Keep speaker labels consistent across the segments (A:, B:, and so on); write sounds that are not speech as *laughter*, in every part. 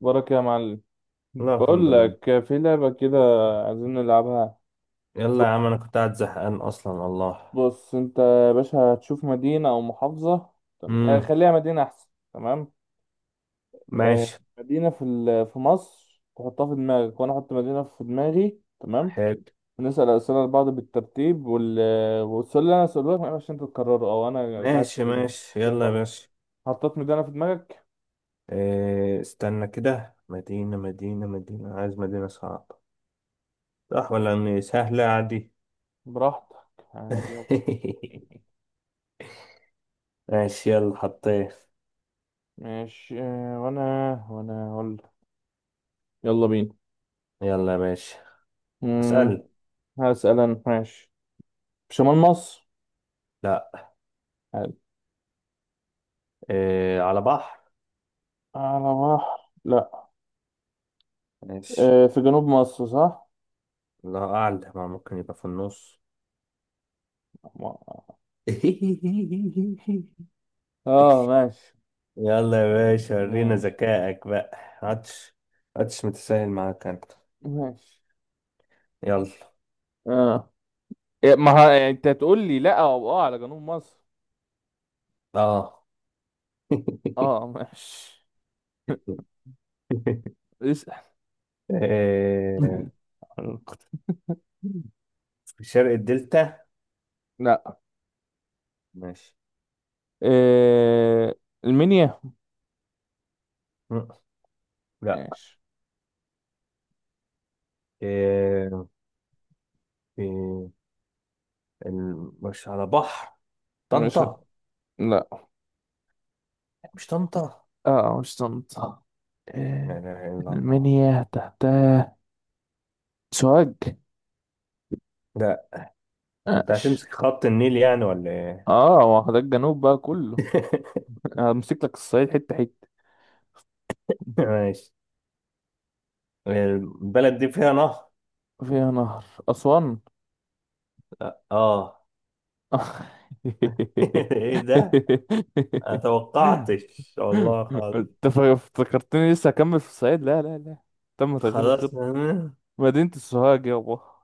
A: بركة يا معلم.
B: لا، الحمد
A: بقول
B: لله.
A: لك في لعبة كده، عايزين نلعبها.
B: يلا يا
A: بص،
B: عم، انا كنت قاعد زهقان اصلا الله.
A: بص انت يا باشا هتشوف مدينة او محافظة. تمام،
B: امم
A: خليها مدينة احسن. تمام.
B: ماشي.
A: مدينة في في مصر تحطها في دماغك وانا احط مدينة في دماغي. تمام.
B: حلو.
A: ونسأل اسئلة لبعض بالترتيب والسؤال اللي انا اسأله لك ما ينفعش انت تكرره او انا العكس
B: ماشي،
A: كذلك.
B: ماشي يلا
A: يلا
B: يا
A: بينا.
B: باشا.
A: حطيت مدينة في دماغك؟
B: إيه استنى كده، مدينة مدينة مدينة، عايز مدينة صعبة صح ولا اني سهلة عادي؟
A: براحتك، عادي، يلا.
B: *laughs*
A: *laughs*
B: ماشي يلا حطيت.
A: ماشي. وانا وانا هقول لك. يلا بينا.
B: يلا يا باشا
A: امم
B: اسأل.
A: هسأل أنا، ماشي. في شمال مصر؟
B: لا.
A: حلو.
B: إيه على بحر؟
A: على بحر؟ لا.
B: ماشي.
A: في جنوب مصر، صح؟
B: الله اعلم، ما ممكن يبقى في النص. *laughs*
A: اه، ماشي
B: يلا يا باشا ورينا
A: ماشي
B: ذكائك بقى عطش. عطش متساهل معاك انت.
A: ماشي.
B: يلا،
A: اه إيه، ما ها يعني انت تقول لي لا او اه على جنوب مصر.
B: اه. *laughs*
A: اه ماشي. اسأل.
B: إيه،
A: *laughs*
B: في شرق الدلتا.
A: لا.
B: ماشي.
A: آه، المنيا؟
B: م- لا.
A: ماشي.
B: إيه، في مش على بحر.
A: مش،
B: طنطا.
A: لا.
B: مش طنطا.
A: اه مش طنطا.
B: لا
A: آه،
B: اله الا الله.
A: المنيا تحتها، سوهاج.
B: لا، انت
A: ماشي.
B: هتمسك خط النيل يعني ولا ايه؟
A: اه ما هو ده الجنوب بقى كله.
B: *laughs*
A: *laughs* همسك لك الصعيد حتة حتة.
B: ماشي. البلد دي فيها نهر.
A: فيها نهر، أسوان؟
B: لا. اه. *laughs*
A: *laughs*
B: ايه ده؟ انا توقعتش والله خالص.
A: انت افتكرتني لسه هكمل في الصعيد. لا لا لا، تم تغيير
B: خلاص
A: الخطة.
B: فاهمة.
A: مدينة السوهاج يابا.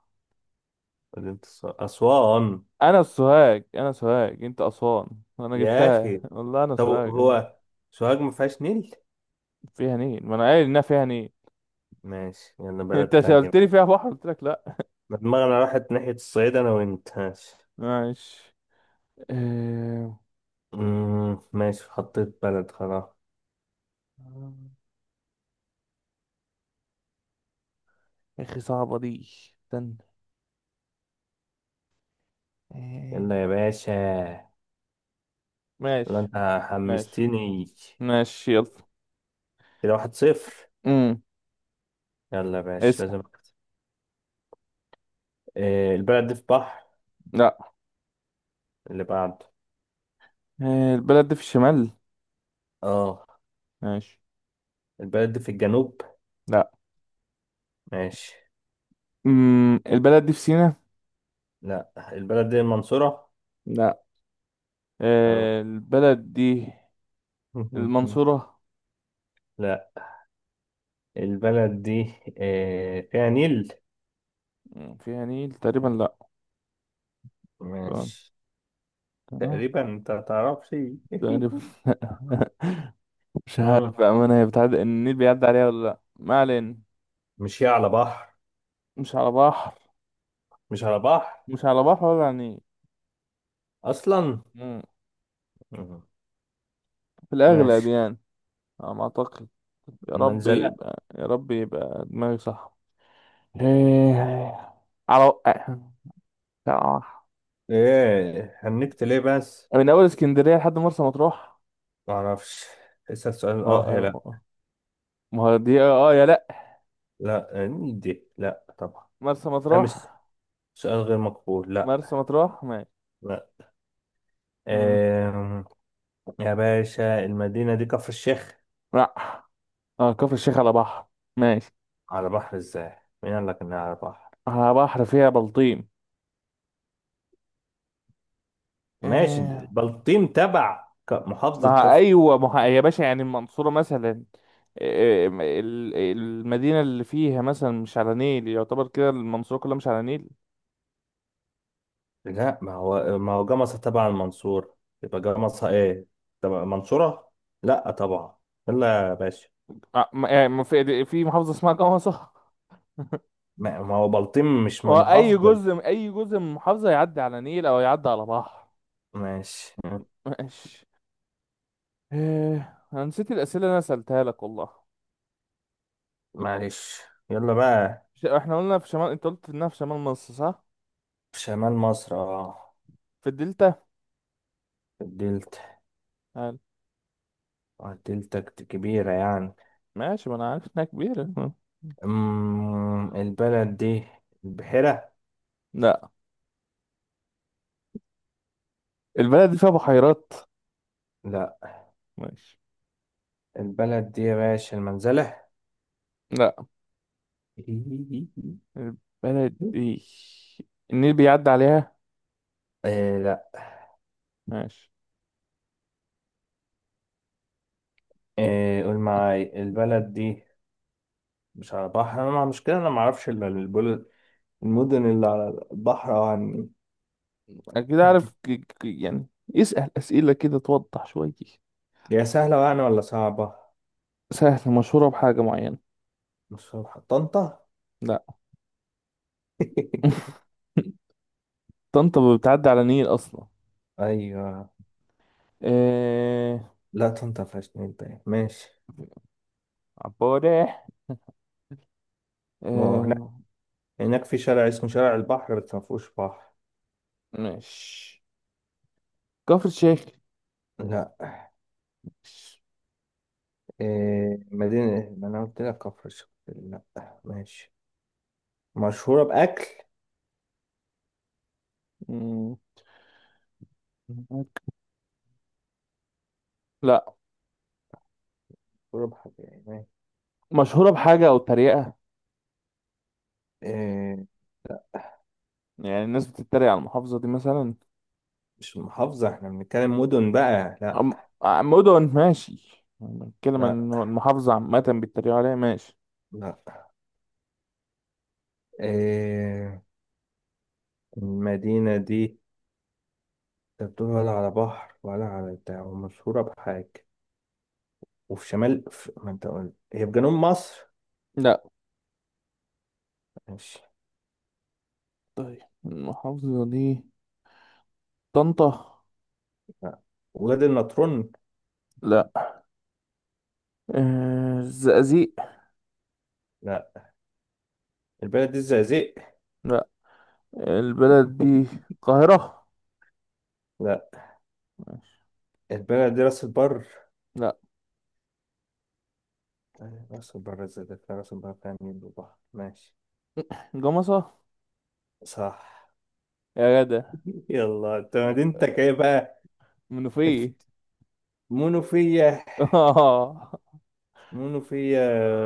B: مدينة أسوان.
A: انا السوهاج، انا سوهاج. انت أسوان. انا
B: يا
A: جبتها
B: أخي،
A: والله، انا
B: طب
A: سوهاج يابا.
B: هو سوهاج ما فيهاش نيل؟
A: فيها نيل، ما انا قايل انها فيها نيل.
B: ماشي يلا
A: *laughs*
B: بلد
A: انت
B: تانية بقى.
A: سألتني فيها بحر، قلت لك لا.
B: ما دماغنا راحت ناحية الصعيد أنا وأنت. ماشي.
A: ماشي. آه،
B: ماشي حطيت بلد خلاص.
A: يا اخي صعبة دي، استنى. آه،
B: يلا يا باشا. يلا
A: ماشي.
B: أنت
A: ماشي
B: حمستني.
A: ماشي يلا.
B: كده 1-0.
A: امم
B: يلا يا باشا
A: اسأل.
B: لازم أكسب. إيه البلد دي في بحر؟
A: لا.
B: اللي بعده.
A: البلد دي في الشمال.
B: اه.
A: ماشي.
B: البلد دي في الجنوب.
A: لا.
B: ماشي.
A: البلد دي في سيناء؟
B: لا، البلد دي المنصورة.
A: لا.
B: أنا-
A: البلد دي
B: *laughs*
A: المنصورة؟
B: لا. البلد دي فيها نيل.
A: مم، فيها نيل تقريبا، لا. تمام.
B: ماشي.
A: تمام.
B: تقريبا؟ انت متعرفش؟
A: تقريبا. *laughs* لا. مش
B: *laughs* مم.
A: عارف بأمانة، هي بتعدي النيل بيعدي عليها ولا لا، ما علينا.
B: مش هي على بحر؟
A: مش على بحر.
B: مش على بحر
A: مش على بحر ولا على نيل.
B: اصلا.
A: مم.
B: مم.
A: في الأغلب
B: ماشي.
A: يعني، على ما أعتقد. يا رب
B: المنزلة.
A: يبقى، يا رب يبقى دماغي صح. إيه، على، آه،
B: ايه هنكت ليه بس؟
A: من اول اسكندريه لحد مرسى مطروح.
B: معرفش. اسأل سؤال اه
A: اه
B: يا لا.
A: اه آه. ما هو دي اه يا لا.
B: لا، مين دي؟ لا طبعا.
A: مرسى
B: ده مش
A: مطروح.
B: سؤال غير مقبول. لا.
A: مرسى مطروح ماشي.
B: لا.
A: مم.
B: آم، يا باشا المدينة دي كفر الشيخ.
A: لا. اه كفر الشيخ على بحر. ماشي.
B: على بحر؟ ازاي؟ مين قال لك انها على بحر؟
A: على بحر، فيها بلطيم.
B: ماشي.
A: إيه.
B: بلطيم تبع محافظة
A: ما
B: كفر.
A: ايوه ما ه- يا باشا يعني المنصوره مثلا، إيه، المدينه اللي فيها مثلا مش على نيل، يعتبر كده المنصوره كلها مش على نيل؟
B: لا، ما هو جمصة تبع المنصورة يبقى جمصة. ايه تبع المنصورة؟ لا طبعا. لا يا باشا.
A: يعني ما في في محافظه اسمها جمصة؟
B: ما هو بلطيم مش من
A: واي
B: محافظة.
A: جزء، اي جزء من المحافظه يعدي على نيل او يعدي على بحر.
B: ماشي.
A: *laughs* ماشي. إيه، انا نسيت الاسئله اللي انا سالتها لك والله.
B: معلش، يلا بقى.
A: احنا قلنا في شمال، انت قلت انها في شمال مصر، صح؟
B: في شمال مصر، اه.
A: في الدلتا.
B: في الدلتا.
A: قال،
B: الدلتا كبيرة يعني.
A: ماشي، ما انا عارف انها كبيره. *laughs*
B: البلد دي البحيرة.
A: لا. البلد دي فيها بحيرات؟
B: لا.
A: ماشي.
B: البلد دي يا باشا المنزلة.
A: لا.
B: *laughs*
A: البلد دي النيل بيعدي عليها.
B: آه، لا.
A: ماشي.
B: إيه قول معاي، البلد دي مش على بحر؟ انا مع مشكلة، انا ما اعرفش إلا البلد، المدن اللي على البحر، او عني.
A: أنا كده عارف
B: *laughs*
A: يعني اسأل اسئله كده توضح شويه.
B: هي سهلة يعني ولا صعبة؟
A: سهل؟ مشهوره بحاجه معينه؟
B: مش فاهم. طنطا.
A: لا.
B: *laughs*
A: *laughs* طنطا بتعدي على نيل اصلا؟
B: ايوه.
A: آه.
B: لا، طنطا فيهاش نيل باين. ماشي.
A: عبارة.
B: ما هو هناك،
A: آه
B: هناك في شارع اسمه شارع البحر بس ما فيهوش بحر.
A: ماشي. كفر الشيخ؟
B: لا. إيه مدينة؟ ما انا قلت لك كفر الشيخ لا. ماشي. مشهورة بأكل؟
A: مم. لا.
B: مشهورة بحاجة يعني.
A: مشهورة بحاجة أو تريقة؟
B: إيه،
A: يعني الناس بتتريق على المحافظة دي مثلا.
B: مش محافظة، احنا بنتكلم مدن بقى. لا.
A: عم... عم مدن ماشي، بتكلم عن
B: لا.
A: إنه المحافظة عامة بيتريقوا عليها. ماشي.
B: لا. إيه المدينة دي؟ انت بتقول ولا على بحر ولا على بتاع، ومشهورة بحاجة. وفي شمال في... ما انت قلت هي في جنوب مصر.
A: لا،
B: ماشي.
A: طيب المحافظة دي طنطا؟
B: لا. وادي النطرون.
A: لا. الزقازيق؟
B: لا. البلد دي الزقازيق.
A: لا. البلد دي القاهرة؟
B: *laughs* لا.
A: ماشي.
B: البلد دي راس البر.
A: لا.
B: أيوة، راس البر. الزقازيق فيها راس البر، فيها نيل وبحر. ماشي.
A: جمصة.
B: صح.
A: يا جدع.
B: *laughs* يلا، انت مدينتك ايه بقى؟
A: منوفية.
B: منوفية.
A: *laughs*
B: منوفية.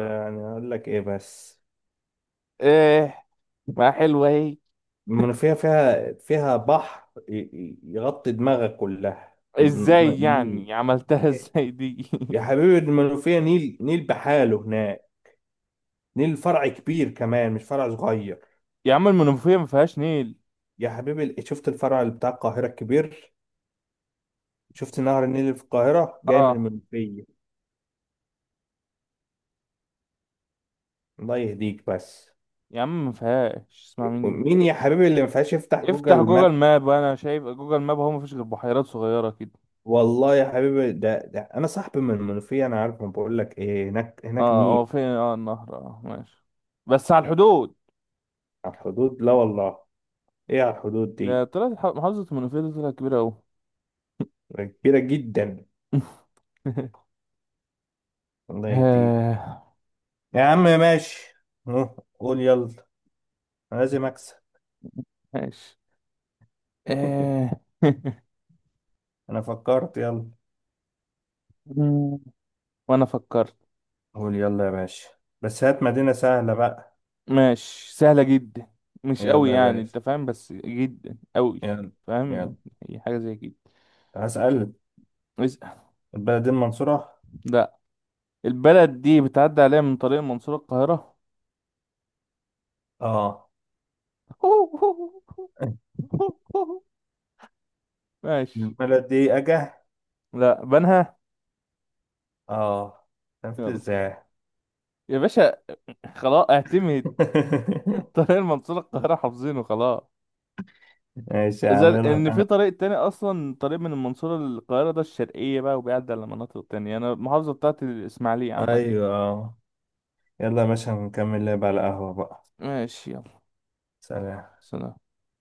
B: يعني اقول لك ايه بس؟
A: ايه، ما حلوة اهي.
B: المنوفية فيها بحر يغطي دماغك كلها.
A: ازاي
B: نيل.
A: يعني، عملتها ازاي دي؟
B: يا حبيبي، المنوفية نيل، نيل بحاله هناك. نيل فرع كبير كمان، مش فرع صغير.
A: *laughs* يا عم المنوفية ما فيهاش نيل.
B: يا حبيبي، شفت الفرع اللي بتاع القاهرة الكبير؟ شفت نهر النيل اللي في القاهرة جاي من
A: اه.
B: المنوفية. الله يهديك بس.
A: يا عم ما فيهاش، اسمع مني.
B: مين يا حبيبي اللي ما فيهاش؟ يفتح
A: افتح
B: جوجل ماب.
A: جوجل ماب، انا شايف جوجل ماب هو ما فيش غير بحيرات صغيرة كده.
B: والله يا حبيبي ده انا صاحبي من المنوفية، انا عارف. ما بقول لك، ايه، هناك،
A: اه
B: هناك
A: اه، هو
B: نيل.
A: فين اه النهر، اه ماشي، بس على الحدود.
B: على الحدود، لا والله. ايه على الحدود دي؟
A: ده طلعت محافظة المنوفية دي طلعت كبيرة اوي.
B: كبيرة جدا.
A: *laughs*
B: الله يهديه.
A: آه،
B: يا عم ماشي. نو. قول يلا. أنا لازم أكسب.
A: ماشي. آه. *laughs*
B: أنا فكرت، يلا
A: وانا افكر.
B: قول يلا يا باشا، بس هات مدينة سهلة بقى.
A: ماشي، سهلة جدا، مش قوي
B: يلا يا
A: يعني،
B: باشا.
A: انت فاهم، بس جدا قوي.
B: يلا.
A: فاهم،
B: يلا.
A: هي حاجة زي كده.
B: هسأل.
A: اسأل.
B: البلد دي المنصورة؟
A: لا. البلد دي بتعدي عليها من طريق المنصورة القاهرة.
B: اه.
A: *laughs*
B: *laughs*
A: ماشي.
B: البلد دي أجا.
A: لا، بنها.
B: اه، عرفت
A: يلا
B: ازاي؟
A: يا باشا، خلاص اعتمد. *laughs*
B: *laughs*
A: طريق المنصورة القاهرة حافظينه خلاص.
B: ماشي يا
A: زي
B: عم، يلا
A: ان في
B: بقى.
A: طريق تاني اصلا، طريق من المنصورة للقاهرة ده الشرقية بقى، وبيعدي على مناطق تانية. انا المحافظة بتاعتي الاسماعيلية عامة.
B: أيوه، آه. يلا يا باشا نكمل لعب على القهوة بقى.
A: ماشي يلا.
B: سلام.
A: سلام.